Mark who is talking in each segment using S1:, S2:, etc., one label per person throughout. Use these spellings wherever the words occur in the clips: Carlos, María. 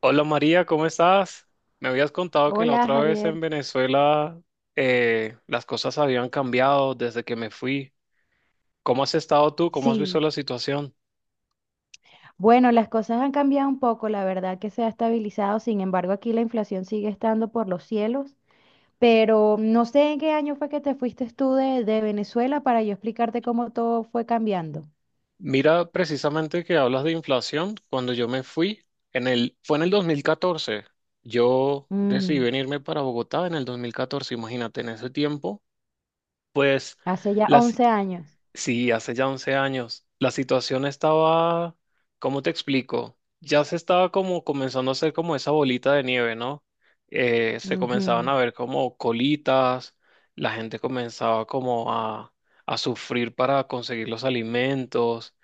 S1: Hola María, ¿cómo estás? Me habías contado que la
S2: Hola
S1: otra vez
S2: Javier.
S1: en Venezuela las cosas habían cambiado desde que me fui. ¿Cómo has estado tú? ¿Cómo has visto
S2: Sí,
S1: la situación?
S2: bueno, las cosas han cambiado un poco, la verdad que se ha estabilizado, sin embargo aquí la inflación sigue estando por los cielos, pero no sé en qué año fue que te fuiste tú de Venezuela para yo explicarte cómo todo fue cambiando.
S1: Mira, precisamente que hablas de inflación, cuando yo me fui, fue en el 2014. Yo decidí
S2: Mm,
S1: venirme para Bogotá en el 2014. Imagínate, en ese tiempo, pues
S2: hace ya
S1: las...
S2: 11 años.
S1: Sí, hace ya 11 años. La situación estaba, ¿cómo te explico? Ya se estaba como comenzando a hacer como esa bolita de nieve, ¿no? Se comenzaban
S2: Ujú,
S1: a ver como colitas, la gente comenzaba a sufrir para conseguir los alimentos.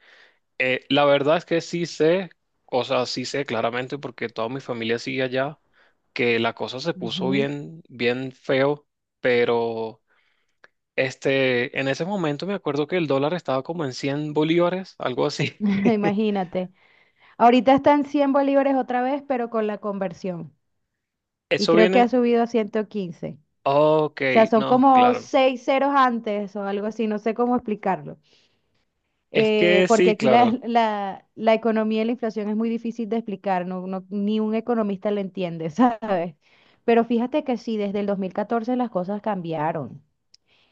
S1: La verdad es que sí sé, o sea, sí sé claramente porque toda mi familia sigue allá, que la cosa se puso
S2: ujú.
S1: bien, bien feo, pero... Este, en ese momento me acuerdo que el dólar estaba como en 100 bolívares, algo así.
S2: Imagínate. Ahorita están 100 bolívares otra vez, pero con la conversión. Y
S1: Eso
S2: creo que ha
S1: viene.
S2: subido a 115.
S1: Ok,
S2: O sea, son
S1: no,
S2: como
S1: claro.
S2: 6 ceros antes o algo así, no sé cómo explicarlo.
S1: Es que
S2: Porque
S1: sí,
S2: aquí
S1: claro.
S2: la economía y la inflación es muy difícil de explicar, no, ni un economista lo entiende, ¿sabes? Pero fíjate que sí, desde el 2014 las cosas cambiaron.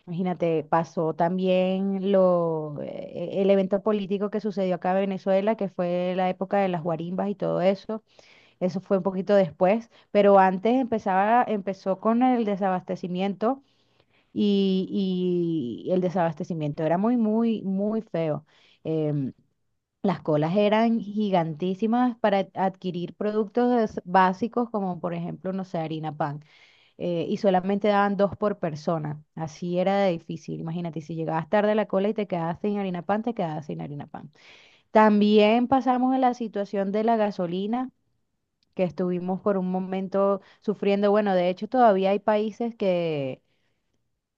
S2: Imagínate, pasó también el evento político que sucedió acá en Venezuela, que fue la época de las guarimbas y todo eso. Eso fue un poquito después, pero antes empezó con el desabastecimiento y el desabastecimiento era muy, muy, muy feo. Em, las colas eran gigantísimas para adquirir productos básicos como por ejemplo, no sé, harina pan. Y solamente daban dos por persona. Así era de difícil. Imagínate, si llegabas tarde a la cola y te quedabas sin harina pan, te quedabas sin harina pan. También pasamos en la situación de la gasolina, que estuvimos por un momento sufriendo. Bueno, de hecho todavía hay países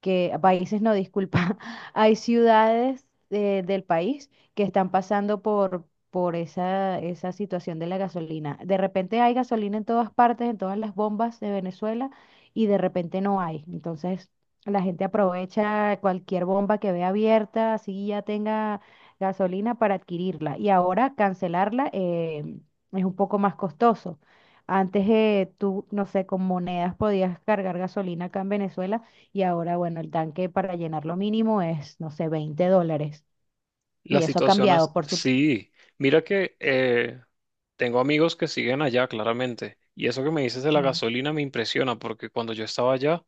S2: que países no, disculpa, hay ciudades del país que están pasando por esa situación de la gasolina. De repente hay gasolina en todas partes, en todas las bombas de Venezuela, y de repente no hay. Entonces, la gente aprovecha cualquier bomba que vea abierta, así ya tenga gasolina para adquirirla. Y ahora cancelarla es un poco más costoso. Antes tú, no sé, con monedas podías cargar gasolina acá en Venezuela y ahora, bueno, el tanque para llenar lo mínimo es, no sé, $20. Y
S1: Las
S2: eso ha
S1: situaciones,
S2: cambiado, por supuesto.
S1: sí. Mira que tengo amigos que siguen allá, claramente. Y eso que me dices de la gasolina me impresiona, porque cuando yo estaba allá,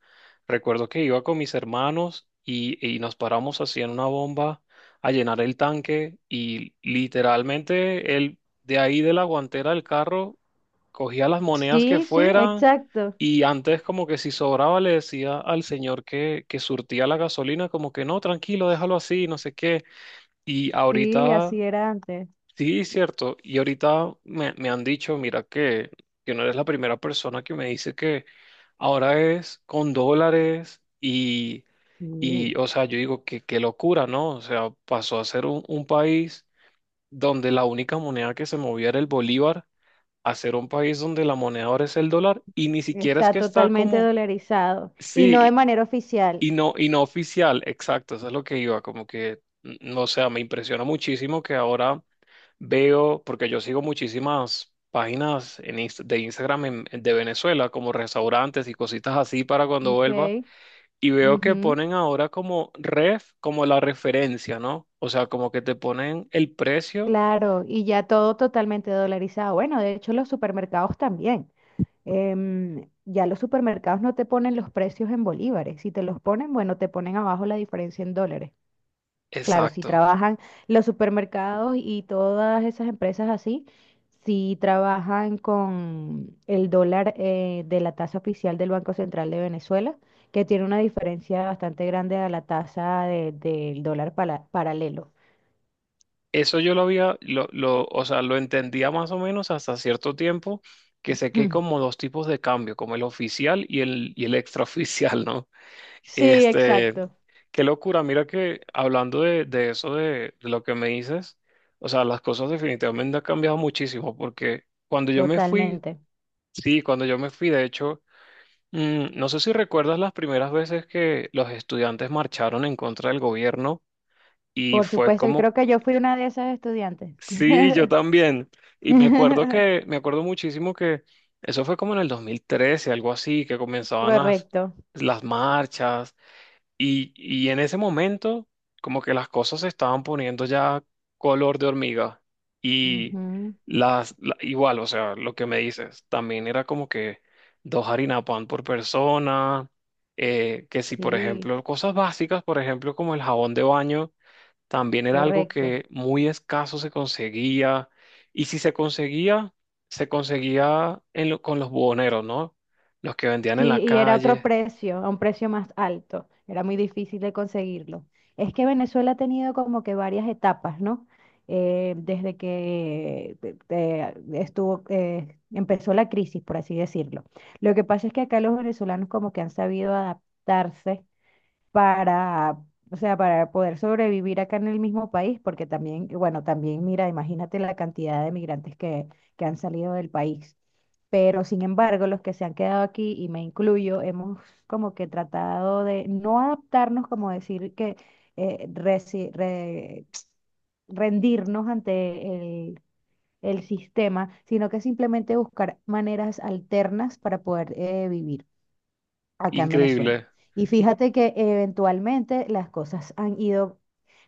S1: recuerdo que iba con mis hermanos y nos paramos así en una bomba a llenar el tanque y literalmente él, de ahí de la guantera del carro, cogía las monedas que
S2: Sí, sí,
S1: fueran
S2: exacto.
S1: y antes como que si sobraba le decía al señor que surtía la gasolina, como que no, tranquilo, déjalo así, no sé qué. Y
S2: Sí,
S1: ahorita,
S2: así era antes.
S1: sí, cierto, y ahorita me han dicho, mira que no eres la primera persona que me dice que ahora es con dólares
S2: Sí,
S1: y o sea, yo digo que qué locura, ¿no? O sea, pasó a ser un país donde la única moneda que se movía era el bolívar, a ser un país donde la moneda ahora es el dólar y ni siquiera es
S2: está
S1: que está
S2: totalmente
S1: como,
S2: dolarizado y no de
S1: sí.
S2: manera oficial.
S1: Y no oficial, exacto, eso es lo que iba, como que, no sé, me impresiona muchísimo que ahora veo, porque yo sigo muchísimas páginas en de Instagram de Venezuela, como restaurantes y cositas así para cuando
S2: Ok.
S1: vuelva, y veo que
S2: Ujú.
S1: ponen ahora como ref, como la referencia, ¿no? O sea, como que te ponen el precio
S2: Claro, y ya todo totalmente dolarizado. Bueno, de hecho los supermercados también. Ya los supermercados no te ponen los precios en bolívares. Si te los ponen, bueno, te ponen abajo la diferencia en dólares. Claro, si
S1: exacto.
S2: trabajan los supermercados y todas esas empresas así, si trabajan con el dólar de la tasa oficial del Banco Central de Venezuela, que tiene una diferencia bastante grande a la tasa del dólar paralelo.
S1: Eso yo lo había, o sea, lo entendía más o menos hasta cierto tiempo, que sé que hay
S2: Mm.
S1: como dos tipos de cambio, como el oficial y el extraoficial, ¿no?
S2: Sí,
S1: Este,
S2: exacto,
S1: qué locura, mira que hablando de eso, de lo que me dices, o sea, las cosas definitivamente han cambiado muchísimo, porque cuando yo me fui,
S2: totalmente.
S1: sí, cuando yo me fui, de hecho, mm, no sé si recuerdas las primeras veces que los estudiantes marcharon en contra del gobierno y
S2: Por
S1: fue
S2: supuesto, y
S1: como...
S2: creo que yo fui una de esas estudiantes.
S1: Sí, yo también. Y me acuerdo que, me acuerdo muchísimo que eso fue como en el 2013, algo así, que comenzaban
S2: Correcto.
S1: las marchas y en ese momento como que las cosas se estaban poniendo ya color de hormiga y
S2: Ujú.
S1: las, igual, o sea, lo que me dices, también era como que dos harina pan por persona, que si por
S2: Sí,
S1: ejemplo cosas básicas, por ejemplo como el jabón de baño también era algo
S2: correcto.
S1: que muy escaso se conseguía y si se conseguía, se conseguía en con los buhoneros, ¿no? Los que vendían en la
S2: Sí, y era otro
S1: calle.
S2: precio, a un precio más alto. Era muy difícil de conseguirlo. Es que Venezuela ha tenido como que varias etapas, ¿no? Desde que estuvo, empezó la crisis, por así decirlo. Lo que pasa es que acá los venezolanos como que han sabido adaptarse para, o sea, para poder sobrevivir acá en el mismo país, porque también, bueno, también mira, imagínate la cantidad de migrantes que han salido del país. Pero sin embargo, los que se han quedado aquí, y me incluyo, hemos como que tratado de no adaptarnos, como decir que eh, resi- re- rendirnos ante el, el sistema, sino que simplemente buscar maneras alternas para poder vivir acá en Venezuela.
S1: Increíble.
S2: Y
S1: Y...
S2: fíjate que eventualmente las cosas han ido,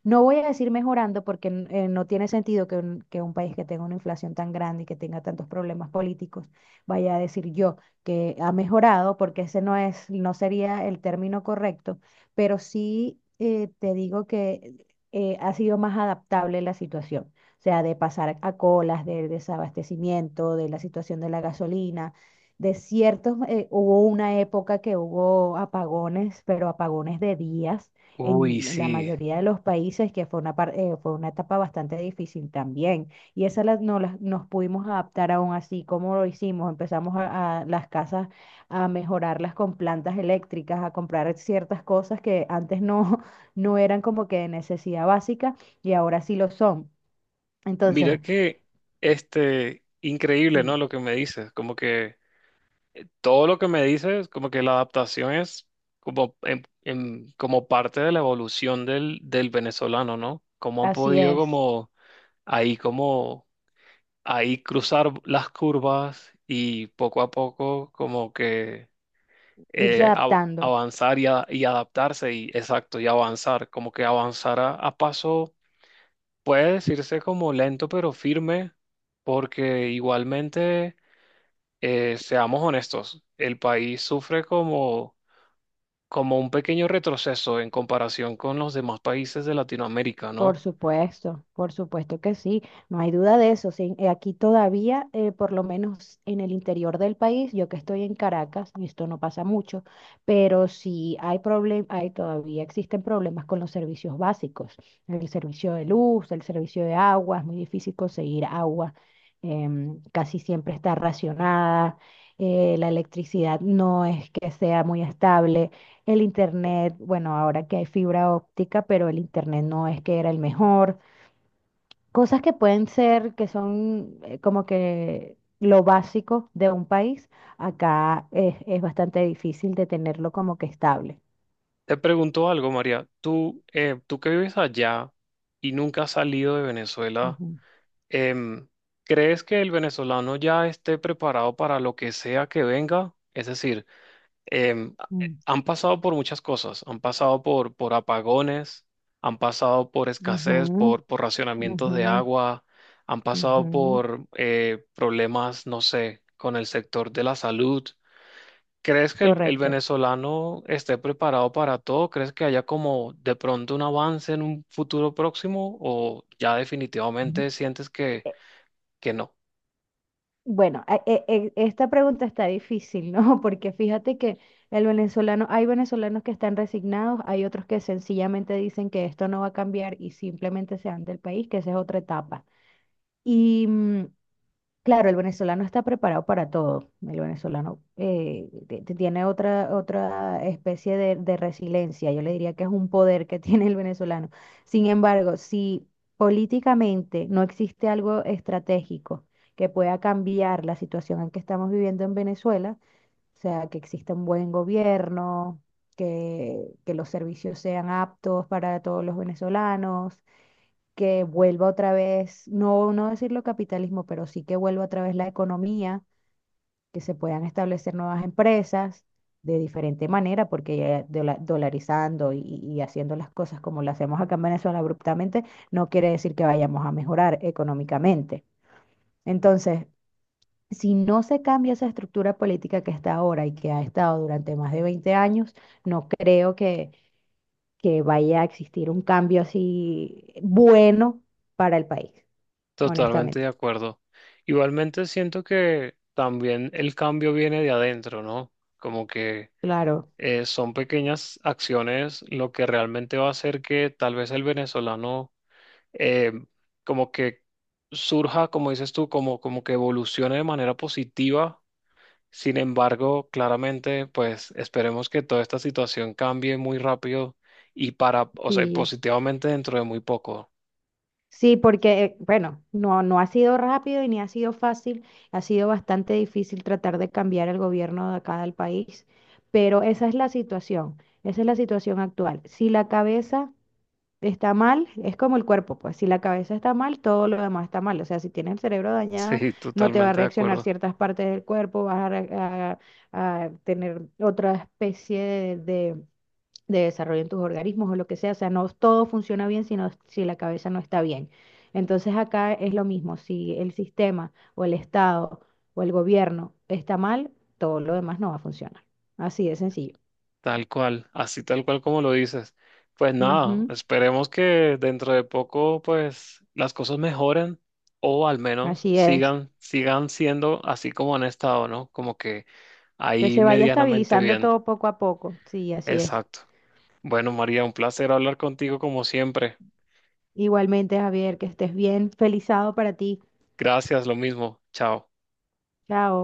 S2: no voy a decir mejorando, porque no tiene sentido que que un país que tenga una inflación tan grande y que tenga tantos problemas políticos vaya a decir yo que ha mejorado, porque ese no es, no sería el término correcto, pero sí te digo que ha sido más adaptable la situación. O sea, de pasar a colas, de desabastecimiento, de la situación de la gasolina desiertos, hubo una época que hubo apagones, pero apagones de días
S1: Uy,
S2: en la
S1: sí.
S2: mayoría de los países, que fue fue una etapa bastante difícil también. Y esa la, no la- nos pudimos adaptar aún así, como lo hicimos, empezamos a las casas a mejorarlas con plantas eléctricas, a comprar ciertas cosas que antes no, no eran como que de necesidad básica y ahora sí lo son. Entonces,
S1: Mira que, este, increíble, ¿no?
S2: sí,
S1: Lo que me dices, como que todo lo que me dices, como que la adaptación es como, como parte de la evolución del, del venezolano, ¿no? Cómo han
S2: así
S1: podido
S2: es,
S1: como ahí cruzar las curvas y poco a poco como que
S2: irse adaptando.
S1: avanzar y adaptarse y exacto, y avanzar, como que avanzar a paso, puede decirse como lento pero firme, porque igualmente, seamos honestos, el país sufre como, como un pequeño retroceso en comparación con los demás países de Latinoamérica, ¿no?
S2: Por supuesto que sí, no hay duda de eso. Sí. Aquí todavía, por lo menos en el interior del país, yo que estoy en Caracas, y esto no pasa mucho, pero sí hay problemas, hay, todavía existen problemas con los servicios básicos, el servicio de luz, el servicio de agua, es muy difícil conseguir agua, casi siempre está racionada, la electricidad no es que sea muy estable. El internet, bueno, ahora que hay fibra óptica, pero el internet no es que era el mejor. Cosas que pueden ser, que son como que lo básico de un país, acá es bastante difícil de tenerlo como que estable.
S1: Te pregunto algo, María. Tú, tú que vives allá y nunca has salido de Venezuela,
S2: Ujú,
S1: Em, ¿crees que el venezolano ya esté preparado para lo que sea que venga? Es decir, em, a-
S2: mm,
S1: han pasado por muchas cosas, han pasado por apagones, han pasado por escasez,
S2: ujú,
S1: por racionamientos de
S2: ujú,
S1: agua, han pasado
S2: ujú.
S1: por problemas, no sé, con el sector de la salud. ¿Crees que el
S2: Correcto.
S1: venezolano esté preparado para todo? ¿Crees que haya como de pronto un avance en un futuro próximo o ya definitivamente sientes que no?
S2: Bueno, esta pregunta está difícil, ¿no? Porque fíjate que el venezolano, hay venezolanos que están resignados, hay otros que sencillamente dicen que esto no va a cambiar y simplemente se van del país, que esa es otra etapa. Y mm, claro, el venezolano está preparado para todo. El venezolano te tiene otra especie de resiliencia. Yo le diría que es un poder que tiene el venezolano. Sin embargo, si políticamente no existe algo estratégico que pueda cambiar la situación en que estamos viviendo en Venezuela, o sea, que exista un buen gobierno, que los servicios sean aptos para todos los venezolanos, que vuelva otra vez, no, no decirlo capitalismo, pero sí que vuelva otra vez la economía, que se puedan establecer nuevas empresas de diferente manera, porque ya dolarizando y haciendo las cosas como las hacemos acá en Venezuela abruptamente, no quiere decir que vayamos a mejorar económicamente. Entonces, si no se cambia esa estructura política que está ahora y que ha estado durante más de 20 años, no creo que vaya a existir un cambio así bueno para el país
S1: Totalmente de
S2: honestamente.
S1: acuerdo. Igualmente siento que también el cambio viene de adentro, ¿no? Como que
S2: Claro,
S1: son pequeñas acciones lo que realmente va a hacer que tal vez el venezolano eh, como que surja, como dices tú, como, como que evolucione de manera positiva. Sin embargo, claramente, pues esperemos que toda esta situación cambie muy rápido y para, o sea,
S2: sí.
S1: positivamente dentro de muy poco.
S2: Sí, porque, bueno, no, no ha sido rápido y ni ha sido fácil, ha sido bastante difícil tratar de cambiar el gobierno de acá del país, pero esa es la situación, esa es la situación actual. Si la cabeza está mal, es como el cuerpo, pues si la cabeza está mal, todo lo demás está mal. O sea, si tienes el cerebro dañado,
S1: Sí,
S2: no te va a
S1: totalmente de
S2: reaccionar
S1: acuerdo.
S2: ciertas partes del cuerpo, vas a, re- a tener otra especie de de desarrollo en tus organismos o lo que sea. O sea, no todo funciona bien sino si la cabeza no está bien. Entonces acá es lo mismo, si el sistema o el Estado o el gobierno está mal, todo lo demás no va a funcionar. Así de sencillo.
S1: Tal cual, así tal cual como lo dices. Pues nada,
S2: Ujú,
S1: esperemos que dentro de poco pues las cosas mejoren o al menos
S2: así es.
S1: sigan siendo así como han estado, ¿no? Como que
S2: Que
S1: ahí
S2: se vaya
S1: medianamente
S2: estabilizando
S1: bien.
S2: todo poco a poco. Sí, así es.
S1: Exacto. Bueno, María, un placer hablar contigo como siempre.
S2: Igualmente, Javier, que estés bien. Feliz sábado para ti.
S1: Gracias, lo mismo. Chao.
S2: Chao.